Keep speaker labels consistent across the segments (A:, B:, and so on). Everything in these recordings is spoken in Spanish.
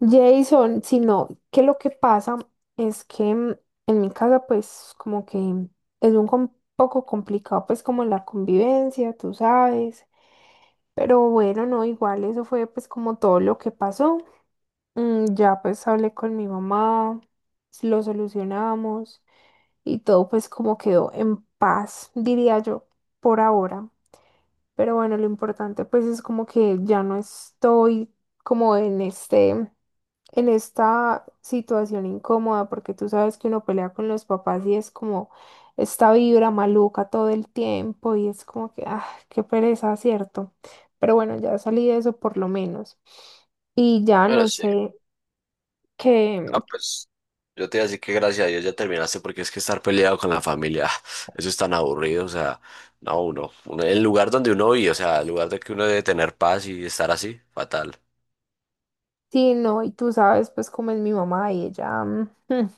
A: Jason, sino que lo que pasa es que en mi casa, pues como que es un poco complicado, pues como la convivencia, tú sabes. Pero bueno, no, igual eso fue pues como todo lo que pasó. Ya, pues hablé con mi mamá, lo solucionamos y todo, pues como quedó en paz, diría yo, por ahora. Pero bueno, lo importante pues es como que ya no estoy como en en esta situación incómoda, porque tú sabes que uno pelea con los papás y es como esta vibra maluca todo el tiempo y es como que, ah, qué pereza, ¿cierto? Pero bueno, ya salí de eso por lo menos. Y ya
B: Bueno,
A: no
B: sí.
A: sé
B: No,
A: qué,
B: pues yo te iba a decir que gracias a Dios ya terminaste porque es que estar peleado con la familia, ah, eso es tan aburrido, o sea, no, el lugar donde uno vive, o sea, el lugar de que uno debe tener paz y estar así, fatal.
A: sí, no, y tú sabes pues cómo es mi mamá y ella,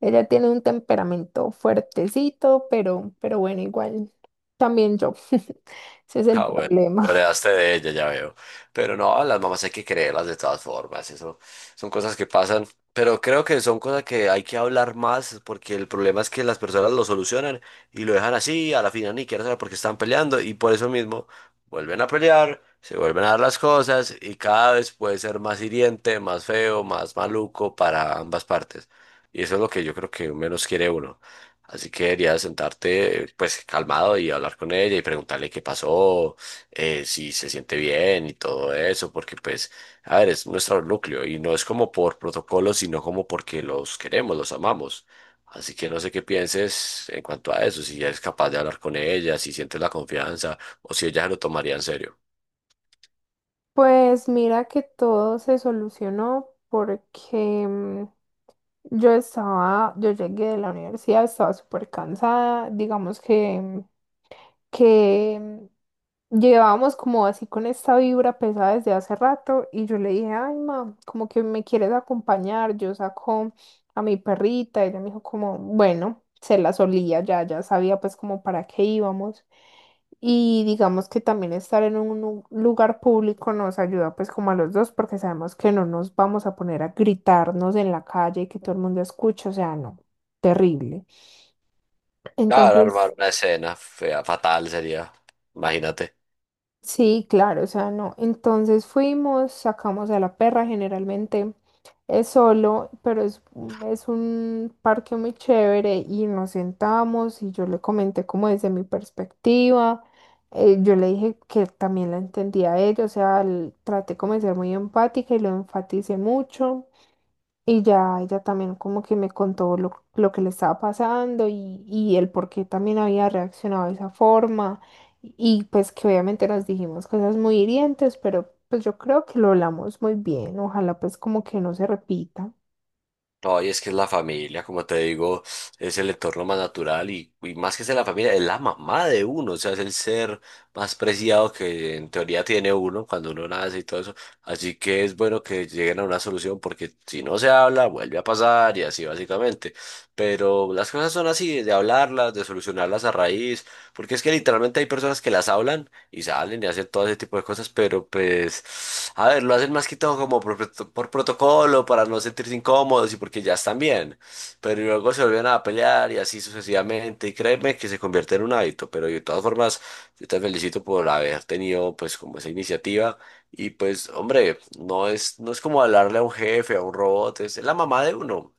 A: ella tiene un temperamento fuertecito, pero bueno, igual también yo, ese es el
B: Ah, bueno, lo
A: problema.
B: heredaste de ella, ya veo. Pero no, a las mamás hay que creerlas de todas formas, eso son cosas que pasan, pero creo que son cosas que hay que hablar más porque el problema es que las personas lo solucionan y lo dejan así, a la final ni quieren saber por qué están peleando y por eso mismo vuelven a pelear, se vuelven a dar las cosas y cada vez puede ser más hiriente, más feo, más maluco para ambas partes. Y eso es lo que yo creo que menos quiere uno. Así que deberías sentarte pues calmado y hablar con ella y preguntarle qué pasó, si se siente bien y todo eso, porque pues, a ver, es nuestro núcleo y no es como por protocolo, sino como porque los queremos, los amamos. Así que no sé qué pienses en cuanto a eso, si eres capaz de hablar con ella, si sientes la confianza o si ella se lo tomaría en serio.
A: Pues mira que todo se solucionó porque, yo llegué de la universidad, estaba súper cansada. Digamos que que llevábamos como así con esta vibra pesada desde hace rato, y yo le dije, ay, ma, como que me quieres acompañar, yo saco a mi perrita. Y ella me dijo como, bueno, se la solía, ya, ya sabía pues como para qué íbamos. Y digamos que también estar en un lugar público nos ayuda pues como a los dos, porque sabemos que no nos vamos a poner a gritarnos en la calle y que todo el mundo escuche, o sea, no, terrible.
B: Claro, armar
A: Entonces
B: una escena fea, fatal sería, imagínate.
A: sí, claro, o sea, no. Entonces fuimos, sacamos a la perra, generalmente es solo, pero es, es un parque muy chévere, y nos sentamos y yo le comenté como desde mi perspectiva, yo le dije que también la entendía a ella, o sea, traté como de ser muy empática y lo enfaticé mucho. Y ya ella también como que me contó lo que le estaba pasando y el por qué también había reaccionado de esa forma. Y pues que obviamente nos dijimos cosas muy hirientes, pero pues yo creo que lo hablamos muy bien. Ojalá pues como que no se repita.
B: No, y es que es la familia, como te digo, es el entorno más natural y más que ser la familia, es la mamá de uno, o sea, es el ser más preciado que en teoría tiene uno cuando uno nace y todo eso. Así que es bueno que lleguen a una solución porque si no se habla, vuelve a pasar y así básicamente. Pero las cosas son así, de hablarlas, de solucionarlas a raíz, porque es que literalmente hay personas que las hablan y salen y hacen todo ese tipo de cosas, pero pues, a ver, lo hacen más que todo como por protocolo, para no sentirse incómodos y porque ya están bien, pero luego se vuelven a pelear y así sucesivamente, y créeme que se convierte en un hábito, pero de todas formas, yo te felicito por haber tenido pues como esa iniciativa y pues, hombre, no es como hablarle a un jefe, a un robot, es la mamá de uno.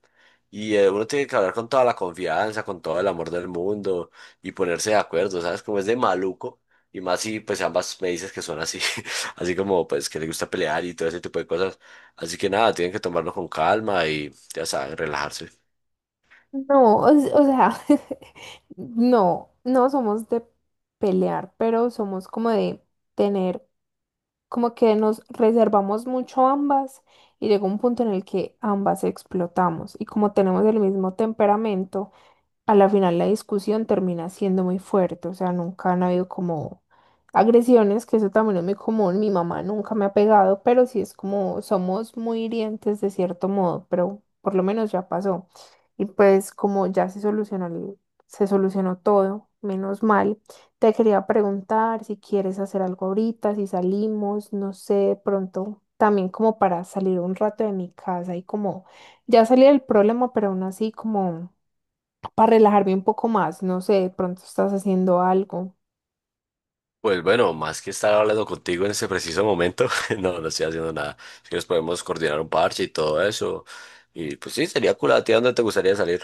B: Y uno tiene que hablar con toda la confianza, con todo el amor del mundo y ponerse de acuerdo, ¿sabes? Como es de maluco. Y más si pues ambas me dices que son así, así como pues que le gusta pelear y todo ese tipo de cosas. Así que nada, tienen que tomarlo con calma y ya saben, relajarse.
A: No, o sea, no, no somos de pelear, pero somos como de tener, como que nos reservamos mucho ambas y llegó un punto en el que ambas explotamos, y como tenemos el mismo temperamento, a la final la discusión termina siendo muy fuerte. O sea, nunca han habido como agresiones, que eso también es muy común, mi mamá nunca me ha pegado, pero sí es como somos muy hirientes de cierto modo. Pero por lo menos ya pasó. Y pues como ya se solucionó, se solucionó todo, menos mal. Te quería preguntar si quieres hacer algo ahorita, si salimos, no sé, de pronto también como para salir un rato de mi casa y como ya salí del problema, pero aún así como para relajarme un poco más, no sé, de pronto estás haciendo algo.
B: Pues bueno, más que estar hablando contigo en este preciso momento, no, no estoy haciendo nada. Si quieres podemos coordinar un parche y todo eso. Y pues sí, sería cool, ¿a ti a dónde te gustaría salir?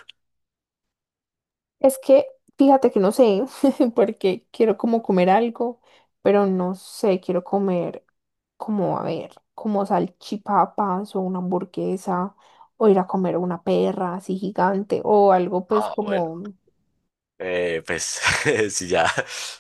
A: Es que, fíjate que no sé, porque quiero como comer algo, pero no sé, quiero comer como, a ver, como salchipapas o una hamburguesa, o ir a comer una perra así gigante, o algo pues
B: Ah, bueno.
A: como.
B: Pues si ya,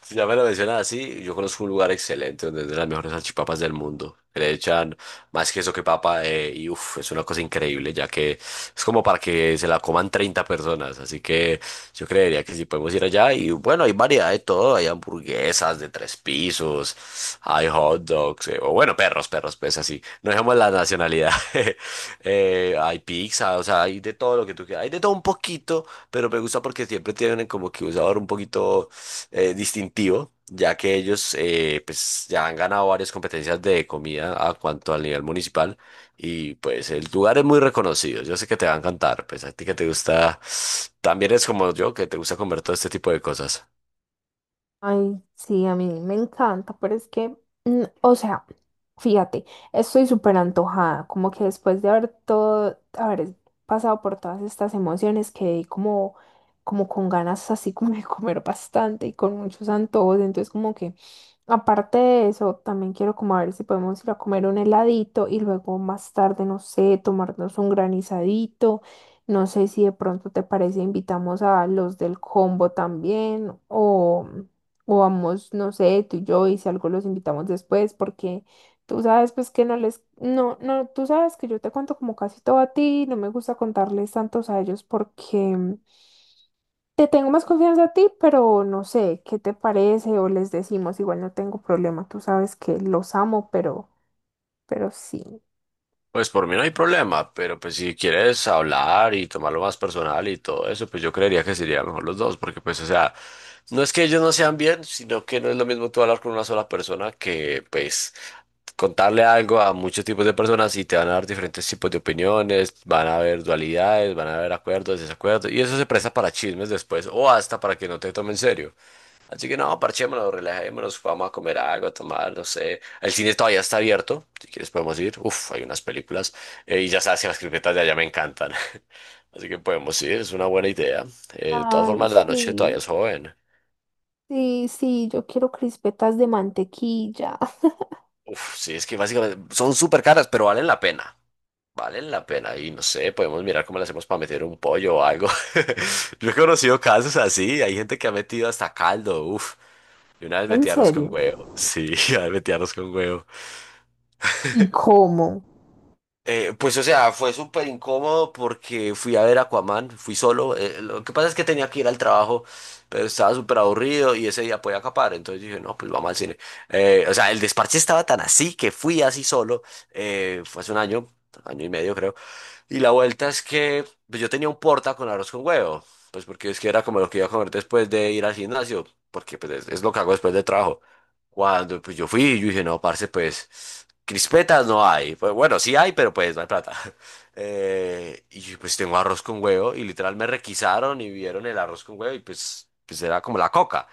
B: si ya me lo mencionas así, yo conozco un lugar excelente donde venden las mejores salchipapas del mundo. Que Le echan más queso que papa y uff, es una cosa increíble ya que es como para que se la coman 30 personas. Así que yo creería que si podemos ir allá y bueno, hay variedad de todo, hay hamburguesas de tres pisos, hay hot dogs, o bueno, perros, perros, pues así. No dejemos la nacionalidad. Hay pizza, o sea, hay de todo lo que tú quieras, hay de todo un poquito pero me gusta porque siempre tienen como que un sabor un poquito distintivo, ya que ellos pues ya han ganado varias competencias de comida a cuanto al nivel municipal y pues el lugar es muy reconocido, yo sé que te va a encantar, pues a ti que te gusta, también es como yo, que te gusta comer todo este tipo de cosas.
A: Ay, sí, a mí me encanta, pero es que, o sea, fíjate, estoy súper antojada, como que después de haber pasado por todas estas emociones, quedé como, como con ganas así como de comer bastante y con muchos antojos. Entonces como que, aparte de eso, también quiero como a ver si podemos ir a comer un heladito y luego más tarde, no sé, tomarnos un granizadito. No sé si de pronto te parece, invitamos a los del combo también, o... O vamos, no sé, tú y yo, y si algo los invitamos después, porque tú sabes pues que no les, no, no, tú sabes que yo te cuento como casi todo a ti, no me gusta contarles tantos a ellos porque te tengo más confianza a ti, pero no sé, ¿qué te parece? O les decimos, igual no tengo problema, tú sabes que los amo, pero sí.
B: Pues por mí no hay problema, pero pues si quieres hablar y tomarlo más personal y todo eso, pues yo creería que sería mejor los dos, porque pues o sea, no es que ellos no sean bien, sino que no es lo mismo tú hablar con una sola persona que pues contarle algo a muchos tipos de personas y te van a dar diferentes tipos de opiniones, van a haber dualidades, van a haber acuerdos, desacuerdos, y eso se presta para chismes después o hasta para que no te tomen en serio. Así que no, parchémonos, relajémonos, vamos a comer algo, a tomar, no sé. El cine todavía está abierto, si quieres podemos ir. Uf, hay unas películas. Y ya sabes que las cripetas de allá me encantan. Así que podemos ir, es una buena idea. De todas
A: Ay,
B: formas, la noche
A: sí,
B: todavía es joven.
A: sí, sí, yo quiero crispetas de mantequilla.
B: Uf, sí, es que básicamente son súper caras, pero valen la pena. Valen la pena. Y no sé, podemos mirar cómo le hacemos para meter un pollo o algo. Yo he conocido casos así, hay gente que ha metido hasta caldo, uf. Y una vez
A: ¿En
B: metí arroz con
A: serio?
B: huevo. Sí, una vez metí arroz con huevo.
A: ¿Y cómo?
B: Pues, o sea, fue súper incómodo porque fui a ver Aquaman, fui solo. Lo que pasa es que tenía que ir al trabajo, pero estaba súper aburrido y ese día podía acapar. Entonces dije, no, pues vamos al cine. O sea, el desparche estaba tan así que fui así solo. Fue hace un año, año y medio creo. Y la vuelta es que pues, yo tenía un porta con arroz con huevo, pues porque es que era como lo que iba a comer después de ir al gimnasio, porque pues es lo que hago después de trabajo. Cuando pues yo fui, yo dije, no, parce, pues crispetas no hay. Pues bueno, sí hay, pero pues no hay plata. Y yo, pues tengo arroz con huevo y literal me requisaron y vieron el arroz con huevo y pues, pues era como la coca.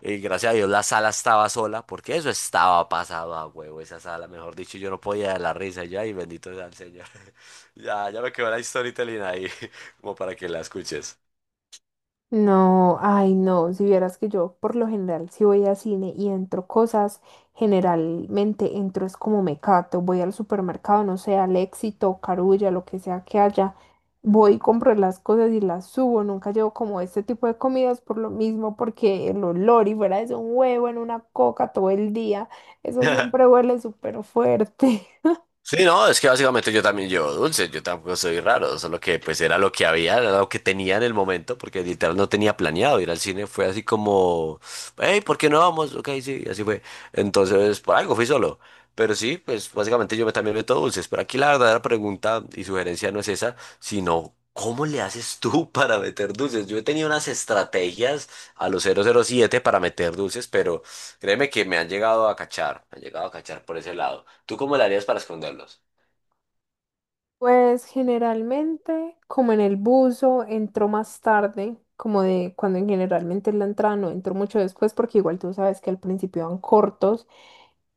B: Y gracias a Dios la sala estaba sola, porque eso estaba pasado a huevo, esa sala, mejor dicho, yo no podía de la risa, y yo, ay, bendito sea el Señor. Ya me quedó la storytelling ahí, como para que la escuches.
A: No, ay, no, si vieras que yo por lo general, si voy a cine y entro cosas, generalmente entro es como me cato, voy al supermercado, no sé, al Éxito, Carulla, lo que sea que haya, voy, compro las cosas y las subo. Nunca llevo como este tipo de comidas por lo mismo, porque el olor, y fuera de eso, un huevo en una coca todo el día, eso siempre huele súper fuerte.
B: Sí, no, es que básicamente yo también llevo dulces, yo tampoco soy raro, solo que pues era lo que había, era lo que tenía en el momento, porque literal no tenía planeado ir al cine, fue así como, hey, ¿por qué no vamos? Ok, sí, así fue. Entonces, por algo fui solo. Pero sí, pues básicamente yo también meto dulces, pero aquí la verdadera pregunta y sugerencia no es esa, sino ¿cómo le haces tú para meter dulces? Yo he tenido unas estrategias a los 007 para meter dulces, pero créeme que me han llegado a cachar, me han llegado a cachar por ese lado. ¿Tú cómo le harías para esconderlos?
A: Pues generalmente, como en el buzo, entro más tarde, como de cuando generalmente en la entrada no entro mucho después, porque igual tú sabes que al principio van cortos.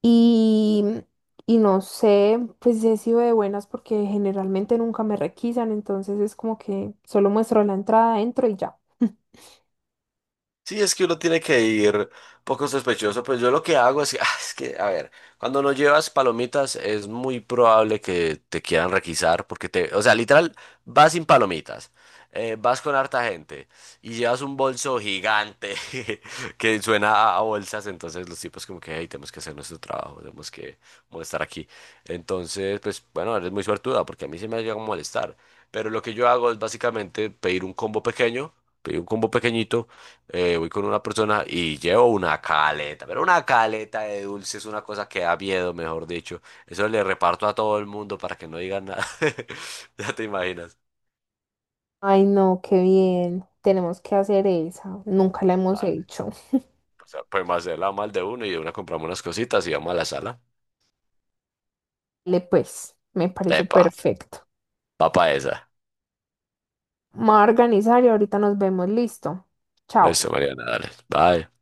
A: Y, y no sé, pues si he sido de buenas porque generalmente nunca me requisan, entonces es como que solo muestro la entrada, entro y ya.
B: Sí, es que uno tiene que ir poco sospechoso. Pues yo lo que hago es que, es que, a ver, cuando no llevas palomitas es muy probable que te quieran requisar porque te, o sea, literal, vas sin palomitas, vas con harta gente y llevas un bolso gigante que suena a bolsas, entonces los tipos como que, hey, tenemos que hacer nuestro trabajo, tenemos que molestar aquí. Entonces, pues bueno, eres muy suertuda porque a mí se me llega a molestar. Pero lo que yo hago es básicamente pedir un combo pequeño, pedir un combo pequeñito voy con una persona y llevo una caleta, pero una caleta de dulce es una cosa que da miedo, mejor dicho. Eso le reparto a todo el mundo para que no digan nada. Ya te imaginas.
A: Ay, no, qué bien, tenemos que hacer esa, nunca la hemos
B: Vale,
A: hecho.
B: o sea, podemos hacerla mal de uno y de una compramos unas cositas y vamos a la sala.
A: Le pues, me parece
B: Epa,
A: perfecto.
B: va pa' esa.
A: Me voy a organizar y ahorita nos vemos, listo. Chao.
B: Eso, Mariana, dale. Bye.